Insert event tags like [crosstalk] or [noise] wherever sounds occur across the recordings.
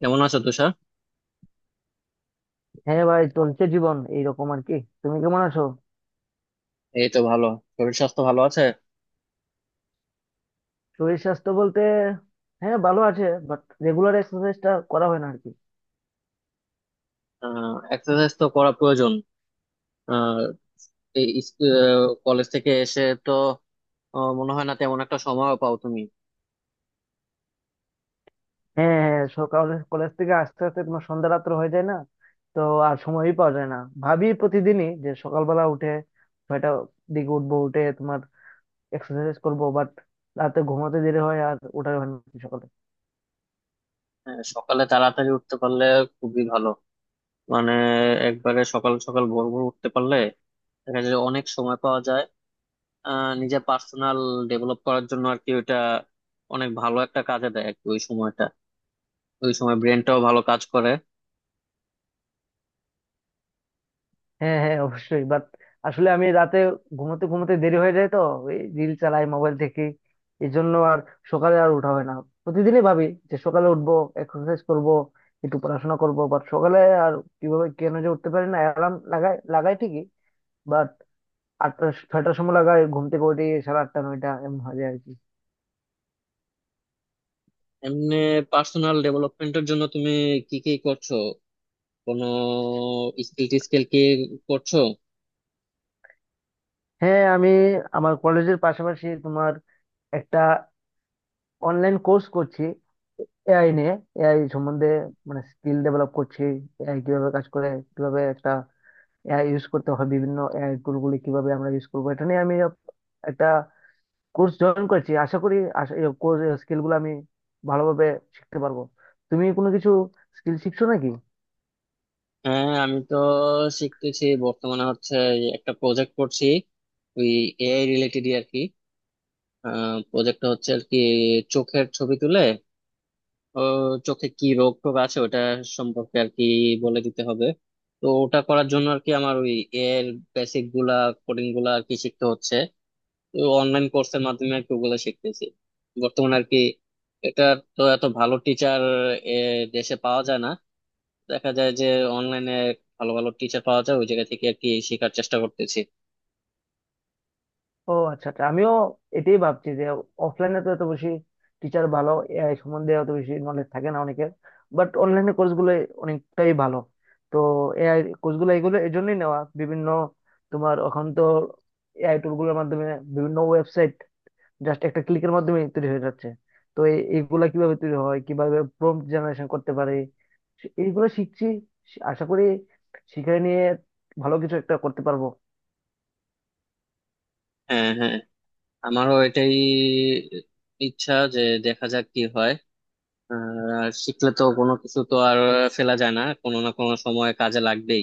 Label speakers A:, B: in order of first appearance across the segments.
A: কেমন আছো তুষার?
B: হ্যাঁ ভাই, চলছে জীবন এইরকম আর কি। তুমি কেমন আছো?
A: এই তো ভালো, শরীর স্বাস্থ্য ভালো আছে।
B: শরীর স্বাস্থ্য বলতে, হ্যাঁ ভালো আছে, বাট রেগুলার এক্সারসাইজটা করা হয় না আর কি।
A: এক্সারসাইজ তো করা প্রয়োজন। আহ এই ইস- আহ, কলেজ থেকে এসে তো মনে হয় না তেমন একটা সময় পাও তুমি।
B: হ্যাঁ হ্যাঁ, সকাল কলেজ থেকে আস্তে আস্তে তোমার সন্ধ্যা রাত্র হয়ে যায় না, তো আর সময়ই পাওয়া যায় না। ভাবি প্রতিদিনই যে সকালবেলা উঠে 6টা দিকে উঠবো, উঠে তোমার এক্সারসাইজ করবো, বাট রাতে ঘুমাতে দেরি হয় আর ওঠাই হয় না সকালে।
A: সকালে তাড়াতাড়ি উঠতে পারলে খুবই ভালো। মানে একবারে সকাল সকাল ভোর ভোর উঠতে পারলে দেখা যায় যে অনেক সময় পাওয়া যায়, নিজের পার্সোনাল ডেভেলপ করার জন্য আর কি। ওইটা অনেক ভালো একটা কাজে দেয় আর কি, ওই সময়টা ওই সময় ব্রেনটাও ভালো কাজ করে।
B: হ্যাঁ হ্যাঁ অবশ্যই, বাট আসলে আমি রাতে ঘুমোতে ঘুমোতে দেরি হয়ে যায় তো, এই রিল চালাই মোবাইল থেকে, এই জন্য আর সকালে আর উঠা হয় না। প্রতিদিনই ভাবি যে সকালে উঠবো, এক্সারসাইজ করব, একটু পড়াশোনা করব, বাট সকালে আর কিভাবে কেন যে উঠতে পারি না, অ্যালার্ম লাগাই লাগাই ঠিকই, বাট আটটা ছয়টার সময় লাগাই, ঘুম থেকে উঠে সাড়ে আটটা 9টা এমন হয়ে যায় আর কি।
A: এমনি পার্সোনাল ডেভেলপমেন্টের জন্য তুমি কি কি করছো? কোনো স্কিল টিস্কিল কি করছো?
B: হ্যাঁ আমি, আমার কলেজের পাশাপাশি তোমার একটা অনলাইন কোর্স করছি এআই নিয়ে, এআই সম্বন্ধে, মানে স্কিল ডেভেলপ করছি, এআই কিভাবে কাজ করে, কিভাবে একটা এআই ইউজ করতে হয়, বিভিন্ন এআই টুল গুলি কিভাবে আমরা ইউজ করবো, এটা নিয়ে আমি একটা কোর্স জয়েন করেছি। আশা করি স্কিল গুলো আমি ভালোভাবে শিখতে পারবো। তুমি কোনো কিছু স্কিল শিখছো নাকি?
A: হ্যাঁ, আমি তো শিখতেছি বর্তমানে। হচ্ছে এই, একটা প্রজেক্ট করছি ওই এআই রিলেটেড আর কি। প্রজেক্টটা হচ্ছে আর কি, চোখের ছবি তুলে ও চোখে কি রোগ টোগ আছে ওটা সম্পর্কে আর কি বলে দিতে হবে। তো ওটা করার জন্য আর কি আমার ওই এআই এর বেসিক গুলা, কোডিং গুলা আর কি শিখতে হচ্ছে। অনলাইন কোর্সের মাধ্যমে আর কি ওগুলা শিখতেছি বর্তমানে আর কি। এটা, তো এত ভালো টিচার দেশে পাওয়া যায় না। দেখা যায় যে অনলাইনে ভালো ভালো টিচার পাওয়া যায়, ওই জায়গা থেকে আর কি শেখার চেষ্টা করতেছি।
B: ও আচ্ছা আচ্ছা, আমিও এটাই ভাবছি যে অফলাইনে তো এত বেশি টিচার ভালো এআই সম্বন্ধে অত বেশি নলেজ থাকে না অনেকের, বাট অনলাইনে কোর্সগুলো অনেকটাই ভালো। তো এআই কোর্সগুলো এগুলো এই জন্যই নেওয়া। বিভিন্ন তোমার এখন তো এআই টুলগুলোর মাধ্যমে বিভিন্ন ওয়েবসাইট জাস্ট একটা ক্লিকের মাধ্যমে তৈরি হয়ে যাচ্ছে। তো এইগুলা কিভাবে তৈরি হয়, কিভাবে প্রম্পট জেনারেশন করতে পারে, এইগুলো শিখছি। আশা করি শিখে নিয়ে ভালো কিছু একটা করতে পারবো।
A: হ্যাঁ হ্যাঁ, আমারও এটাই ইচ্ছা যে দেখা যাক কি হয়। আর শিখলে তো কোনো কিছু তো আর ফেলা যায় না, কোনো না কোনো সময় কাজে লাগবেই।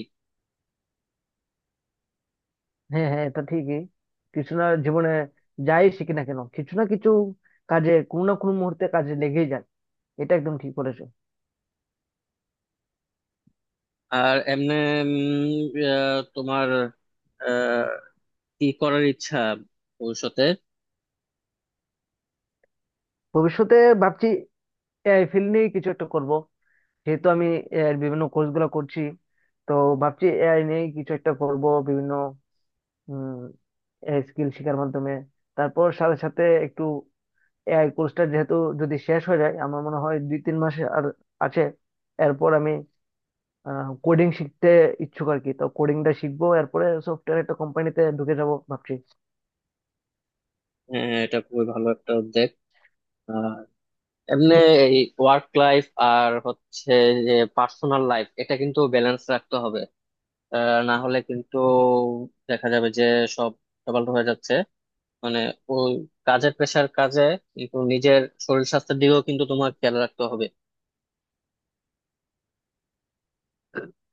B: হ্যাঁ হ্যাঁ, এটা ঠিকই। কিছু না, জীবনে যাই শিখি না কেন কিছু না কিছু কাজে, কোনো না কোনো মুহূর্তে কাজে লেগেই যায়। এটা একদম ঠিক বলেছো।
A: আর এমনি তোমার আহ, কি করার ইচ্ছা ভবিষ্যতে?
B: ভবিষ্যতে ভাবছি এআই ফিল্ড নিয়ে কিছু একটা করব। যেহেতু আমি এআই বিভিন্ন কোর্স গুলো করছি, তো ভাবছি এআই নিয়ে কিছু একটা করব, বিভিন্ন উম স্কিল শেখার মাধ্যমে। তারপর সাথে সাথে একটু এআই কোর্সটা যেহেতু, যদি শেষ হয়ে যায়, আমার মনে হয় 2-3 মাস আর আছে। এরপর আমি কোডিং শিখতে ইচ্ছুক আর কি, তো কোডিংটা শিখবো এরপরে, সফটওয়্যার একটা কোম্পানিতে ঢুকে যাবো ভাবছি।
A: হ্যাঁ, এটা খুবই ভালো একটা উদ্যোগ। আর এমনি এই ওয়ার্ক লাইফ আর হচ্ছে যে পার্সোনাল লাইফ, এটা কিন্তু ব্যালেন্স রাখতে হবে। না হলে কিন্তু দেখা যাবে যে সব ডবল হয়ে যাচ্ছে। মানে ওই কাজের প্রেশার কাজে, কিন্তু নিজের শরীর স্বাস্থ্যের দিকেও কিন্তু তোমার খেয়াল রাখতে হবে।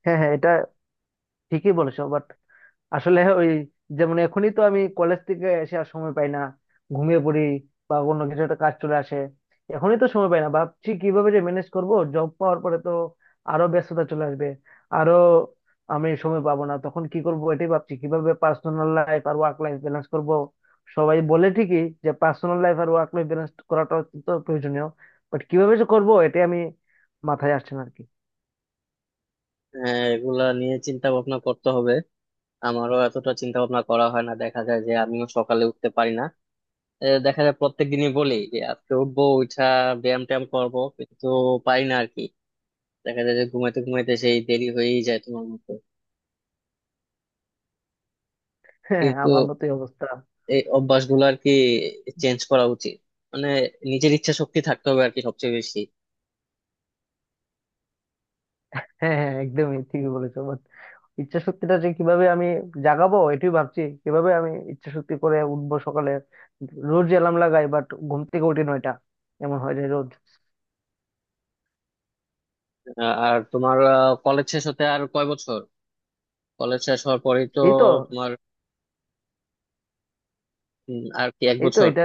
B: হ্যাঁ হ্যাঁ, এটা ঠিকই বলেছো, বাট আসলে ওই, যেমন এখনই তো আমি কলেজ থেকে এসে আর সময় পাই না, ঘুমিয়ে পড়ি বা অন্য কিছু একটা কাজ চলে আসে। এখনই তো সময় পাই না, ভাবছি কিভাবে যে ম্যানেজ করব জব পাওয়ার পরে, তো আরো ব্যস্ততা চলে আসবে, আরো আমি সময় পাবো না তখন, কি করব এটাই ভাবছি, কিভাবে পার্সোনাল লাইফ আর ওয়ার্ক লাইফ ব্যালেন্স করব। সবাই বলে ঠিকই যে পার্সোনাল লাইফ আর ওয়ার্ক লাইফ ব্যালেন্স করাটা অত্যন্ত প্রয়োজনীয়, বাট কিভাবে যে করবো এটাই আমি মাথায় আসছে না আর কি।
A: এগুলা নিয়ে চিন্তা ভাবনা করতে হবে। আমারও এতটা চিন্তা ভাবনা করা হয় না, দেখা যায় যে আমিও সকালে উঠতে পারি না। দেখা যায় প্রত্যেক দিনই বলি যে আজকে উঠবো, উঠা ব্যায়াম ট্যায়াম করবো কিন্তু পারি না আর কি। দেখা যায় যে ঘুমাইতে ঘুমাইতে সেই দেরি হয়েই যায় তোমার মতো।
B: [laughs] হ্যাঁ,
A: কিন্তু
B: আমার মতোই অবস্থা।
A: এই অভ্যাসগুলো আর কি চেঞ্জ করা উচিত। মানে নিজের ইচ্ছা শক্তি থাকতে হবে আর কি সবচেয়ে বেশি।
B: হ্যাঁ হ্যাঁ, একদমই ঠিকই বলেছো। ইচ্ছা শক্তিটা যে কিভাবে আমি জাগাবো এটাই ভাবছি, কিভাবে আমি ইচ্ছা শক্তি করে উঠবো সকালে। রোজ অ্যালার্ম লাগাই, বাট ঘুম থেকে উঠি 9টা, এমন হয়ে যায় রোজ।
A: আর তোমার কলেজ শেষ হতে আর কয় বছর? কলেজ শেষ হওয়ার পরেই তো
B: এই তো
A: তোমার আর কি এক
B: এই তো
A: বছর।
B: এটা,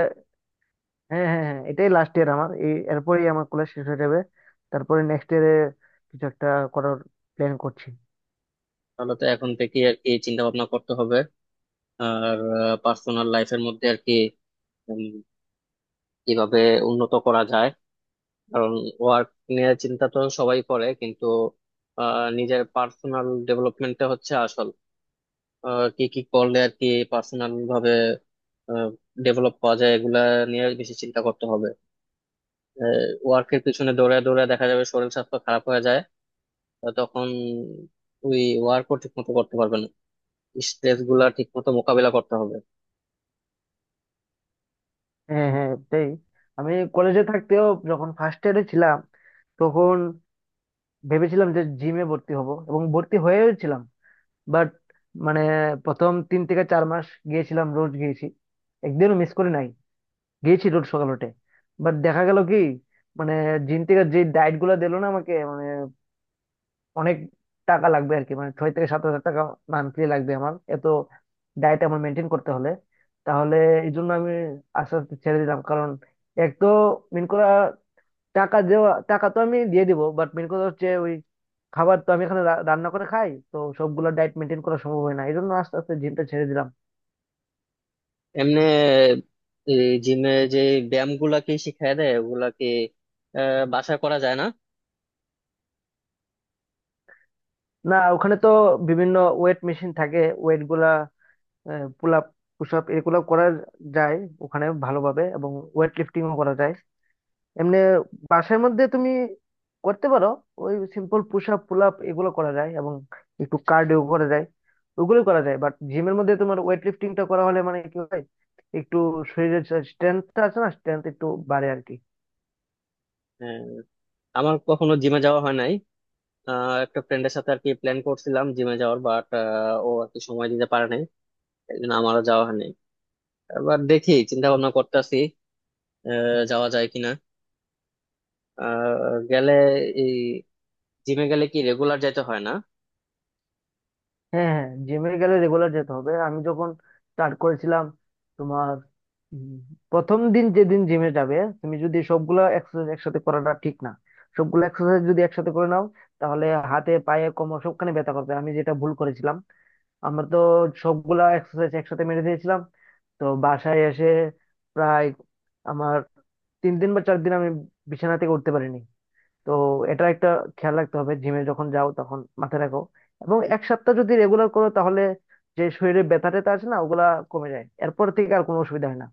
B: হ্যাঁ হ্যাঁ হ্যাঁ, এটাই লাস্ট ইয়ার আমার। এই, এরপরেই আমার কলেজ শেষ হয়ে যাবে। তারপরে নেক্সট ইয়ারে কিছু একটা করার প্ল্যান করছি।
A: তাহলে তো এখন থেকে আর কি চিন্তা ভাবনা করতে হবে। আর পার্সোনাল লাইফের মধ্যে আর কি উম, কিভাবে উন্নত করা যায়। কারণ ওয়ার্ক নিয়ে চিন্তা তো সবাই করে, কিন্তু নিজের পার্সোনাল ডেভেলপমেন্টটা হচ্ছে আসল। কি কি করলে আর কি পার্সোনাল ভাবে ডেভেলপ করা যায়, এগুলা নিয়ে বেশি চিন্তা করতে হবে। ওয়ার্কের পিছনে দৌড়ে দৌড়ে দেখা যাবে শরীর স্বাস্থ্য খারাপ হয়ে যায়। তখন ওই ওয়ার্কও ঠিক মতো করতে পারবে না। স্ট্রেস গুলা ঠিক মতো মোকাবিলা করতে হবে।
B: হ্যাঁ হ্যাঁ তাই। আমি কলেজে থাকতেও যখন ফার্স্ট ইয়ারে ছিলাম, তখন ভেবেছিলাম যে জিমে ভর্তি হব, এবং ভর্তি হয়েও ছিলাম। বাট মানে, প্রথম 3 থেকে 4 মাস গিয়েছিলাম, রোজ গিয়েছি, একদিনও মিস করি নাই, গিয়েছি রোজ সকাল উঠে। বাট দেখা গেল কি, মানে জিম থেকে যে ডায়েট গুলো দিলো না আমাকে, মানে অনেক টাকা লাগবে আর কি, মানে 6 থেকে 7 হাজার টাকা মান্থলি লাগবে আমার, এত ডায়েট আমার মেনটেন করতে হলে। তাহলে এই জন্য আমি আস্তে আস্তে ছেড়ে দিলাম কারণ, এক তো মেন করা, টাকা দেওয়া, টাকা তো আমি দিয়ে দিব, বাট মেন কথা হচ্ছে ওই খাবার। তো আমি এখানে রান্না করে খাই, তো সবগুলো ডায়েট মেনটেন করা সম্ভব হয় না, এই জন্য আস্তে আস্তে জিমটা ছেড়ে দিলাম।
A: এমনি জিমে যে ব্যায়াম গুলা কি শিখায় দেয় ওগুলা কি বাসায় করা যায় না?
B: না, ওখানে তো বিভিন্ন ওয়েট মেশিন থাকে, ওয়েট গুলা, পুল আপ, পুশ আপ এগুলো করা যায় ওখানে ভালোভাবে, এবং ওয়েট লিফটিংও করা যায়। এমনি বাসার মধ্যে তুমি করতে পারো ওই simple push up, pull up এগুলো করা যায়, এবং একটু কার্ডিও করা যায়, ওগুলো করা যায়। বাট জিমের মধ্যে তোমার ওয়েট লিফটিংটা করা হলে মানে কি হয়, একটু শরীরের স্ট্রেংথটা আছে না, স্ট্রেংথ একটু বাড়ে আর কি।
A: আহ, আমার কখনো জিমে যাওয়া হয় নাই। একটা ফ্রেন্ডের সাথে আর কি প্ল্যান করছিলাম জিমে যাওয়ার, বাট ও আর কি সময় দিতে পারে নাই, এই জন্য আমারও যাওয়া হয়নি। এবার দেখি, চিন্তা ভাবনা করতেছি যাওয়া যায় কিনা। আহ, গেলে এই জিমে গেলে কি রেগুলার যাইতে হয় না?
B: হ্যাঁ হ্যাঁ, জিমে গেলে রেগুলার যেতে হবে। আমি যখন স্টার্ট করেছিলাম তোমার, উম, প্রথম দিন যেদিন জিমে যাবে, তুমি যদি সবগুলা এক্সারসাইজ একসাথে করাটা ঠিক না। সবগুলো এক্সারসাইজ যদি একসাথে করে নাও, তাহলে হাতে পায়ে কোমর সবখানে ব্যথা করবে, আমি যেটা ভুল করেছিলাম। আমরা তো সবগুলা এক্সারসাইজ একসাথে মেরে দিয়েছিলাম, তো বাসায় এসে প্রায় আমার 3 দিন বা 4 দিন আমি বিছানা থেকে উঠতে পারিনি। তো এটা একটা খেয়াল রাখতে হবে, জিমে যখন যাও তখন মাথায় রাখো। এবং 1 সপ্তাহ যদি রেগুলার করো তাহলে যে শরীরে ব্যথা ট্যাথা আছে না, ওগুলা কমে যায়, এরপর থেকে আর কোনো অসুবিধা হয় না।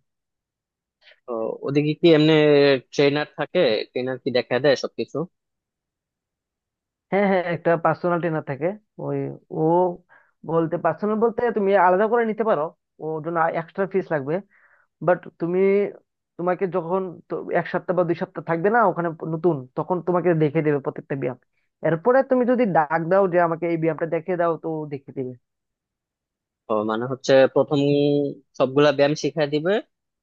A: তো ওদিকে কি এমনি ট্রেনার থাকে? ট্রেনার কি দেখা দেয় সবকিছু?
B: হ্যাঁ হ্যাঁ, একটা পার্সোনাল ট্রেনার থাকে, ওই, ও বলতে, পার্সোনাল বলতে তুমি আলাদা করে নিতে পারো, ওর জন্য এক্সট্রা ফিস লাগবে। বাট তুমি, তোমাকে যখন, তো 1 সপ্তাহ বা 2 সপ্তাহ থাকবে না ওখানে নতুন, তখন তোমাকে দেখে দেবে প্রত্যেকটা ব্যায়াম। এরপরে তুমি যদি ডাক দাও যে আমাকে এই ব্যায়ামটা দেখে দাও, তো ও দেখে দিবে।
A: তো মানে হচ্ছে প্রথম সবগুলা ব্যায়াম শিখাই দিবে,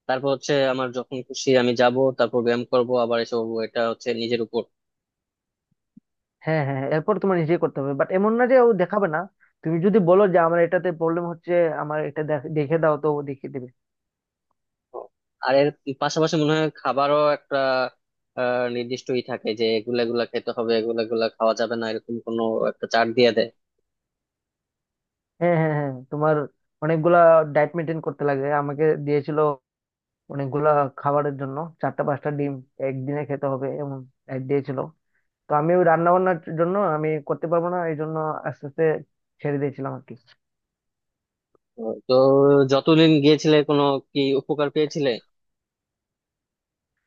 A: তারপর হচ্ছে আমার যখন খুশি আমি যাব তারপর ব্যায়াম করব আবার এসব, এটা হচ্ছে নিজের উপর।
B: হ্যাঁ হ্যাঁ হ্যাঁ, এরপর তোমার নিজে করতে হবে, বাট এমন না যে ও দেখাবে না। তুমি যদি বলো যে আমার এটাতে প্রবলেম হচ্ছে, আমার এটা দেখে দাও, তো ও দেখিয়ে দিবে।
A: তো আর এর পাশাপাশি মনে হয় খাবারও একটা নির্দিষ্টই থাকে যে এগুলা এগুলা খেতে হবে, এগুলা এগুলা খাওয়া যাবে না, এরকম কোনো একটা চার্ট দিয়ে দেয়।
B: হ্যাঁ হ্যাঁ হ্যাঁ, তোমার অনেকগুলা ডায়েট মেনটেন করতে লাগে, আমাকে দিয়েছিল অনেকগুলা খাবারের জন্য। চারটা পাঁচটা ডিম একদিনে খেতে হবে, এমন diet দিয়েছিল। তো আমি, ওই রান্না বান্নার জন্য আমি করতে পারবো না, এই জন্য আস্তে আস্তে ছেড়ে দিয়েছিলাম আর কি।
A: ও, তো যতদিন গিয়েছিলে কোনো কি উপকার পেয়েছিলে?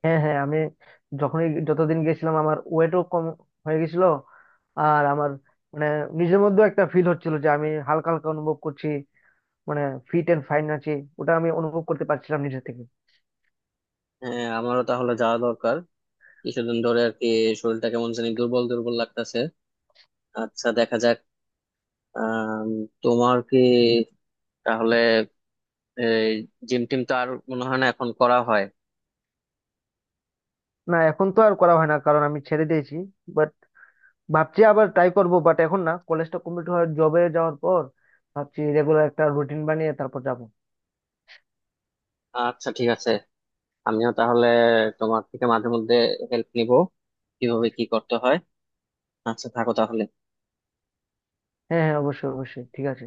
B: হ্যাঁ হ্যাঁ, আমি যখনই যতদিন গেছিলাম, আমার ওয়েটও কম হয়ে গেছিল, আর আমার মানে নিজের মধ্যেও একটা ফিল হচ্ছিল যে আমি হালকা হালকা অনুভব করছি, মানে ফিট এন্ড ফাইন আছি। ওটা আমি অনুভব করতে পারছিলাম নিজে থেকে।
A: হ্যাঁ, আমারও তাহলে যাওয়া দরকার। কিছুদিন ধরে আর কি শরীরটা কেমন জানি দুর্বল দুর্বল লাগতেছে। আচ্ছা দেখা যাক। আম, তোমার কি তাহলে জিম টিম তো আর মনে হয় না এখন করা হয়?
B: না, এখন তো আর করা হয় না, কারণ আমি ছেড়ে দিয়েছি। বাট ভাবছি আবার ট্রাই করব, বাট এখন না, কলেজটা কমপ্লিট হওয়ার জবে যাওয়ার পর ভাবছি রেগুলার একটা রুটিন বানিয়ে তারপর যাব।
A: আচ্ছা ঠিক আছে। আমিও তাহলে তোমার থেকে মাঝে মধ্যে হেল্প নিব কিভাবে কি করতে হয়। আচ্ছা থাকো তাহলে।
B: হ্যাঁ হ্যাঁ, অবশ্যই অবশ্যই ঠিক আছে।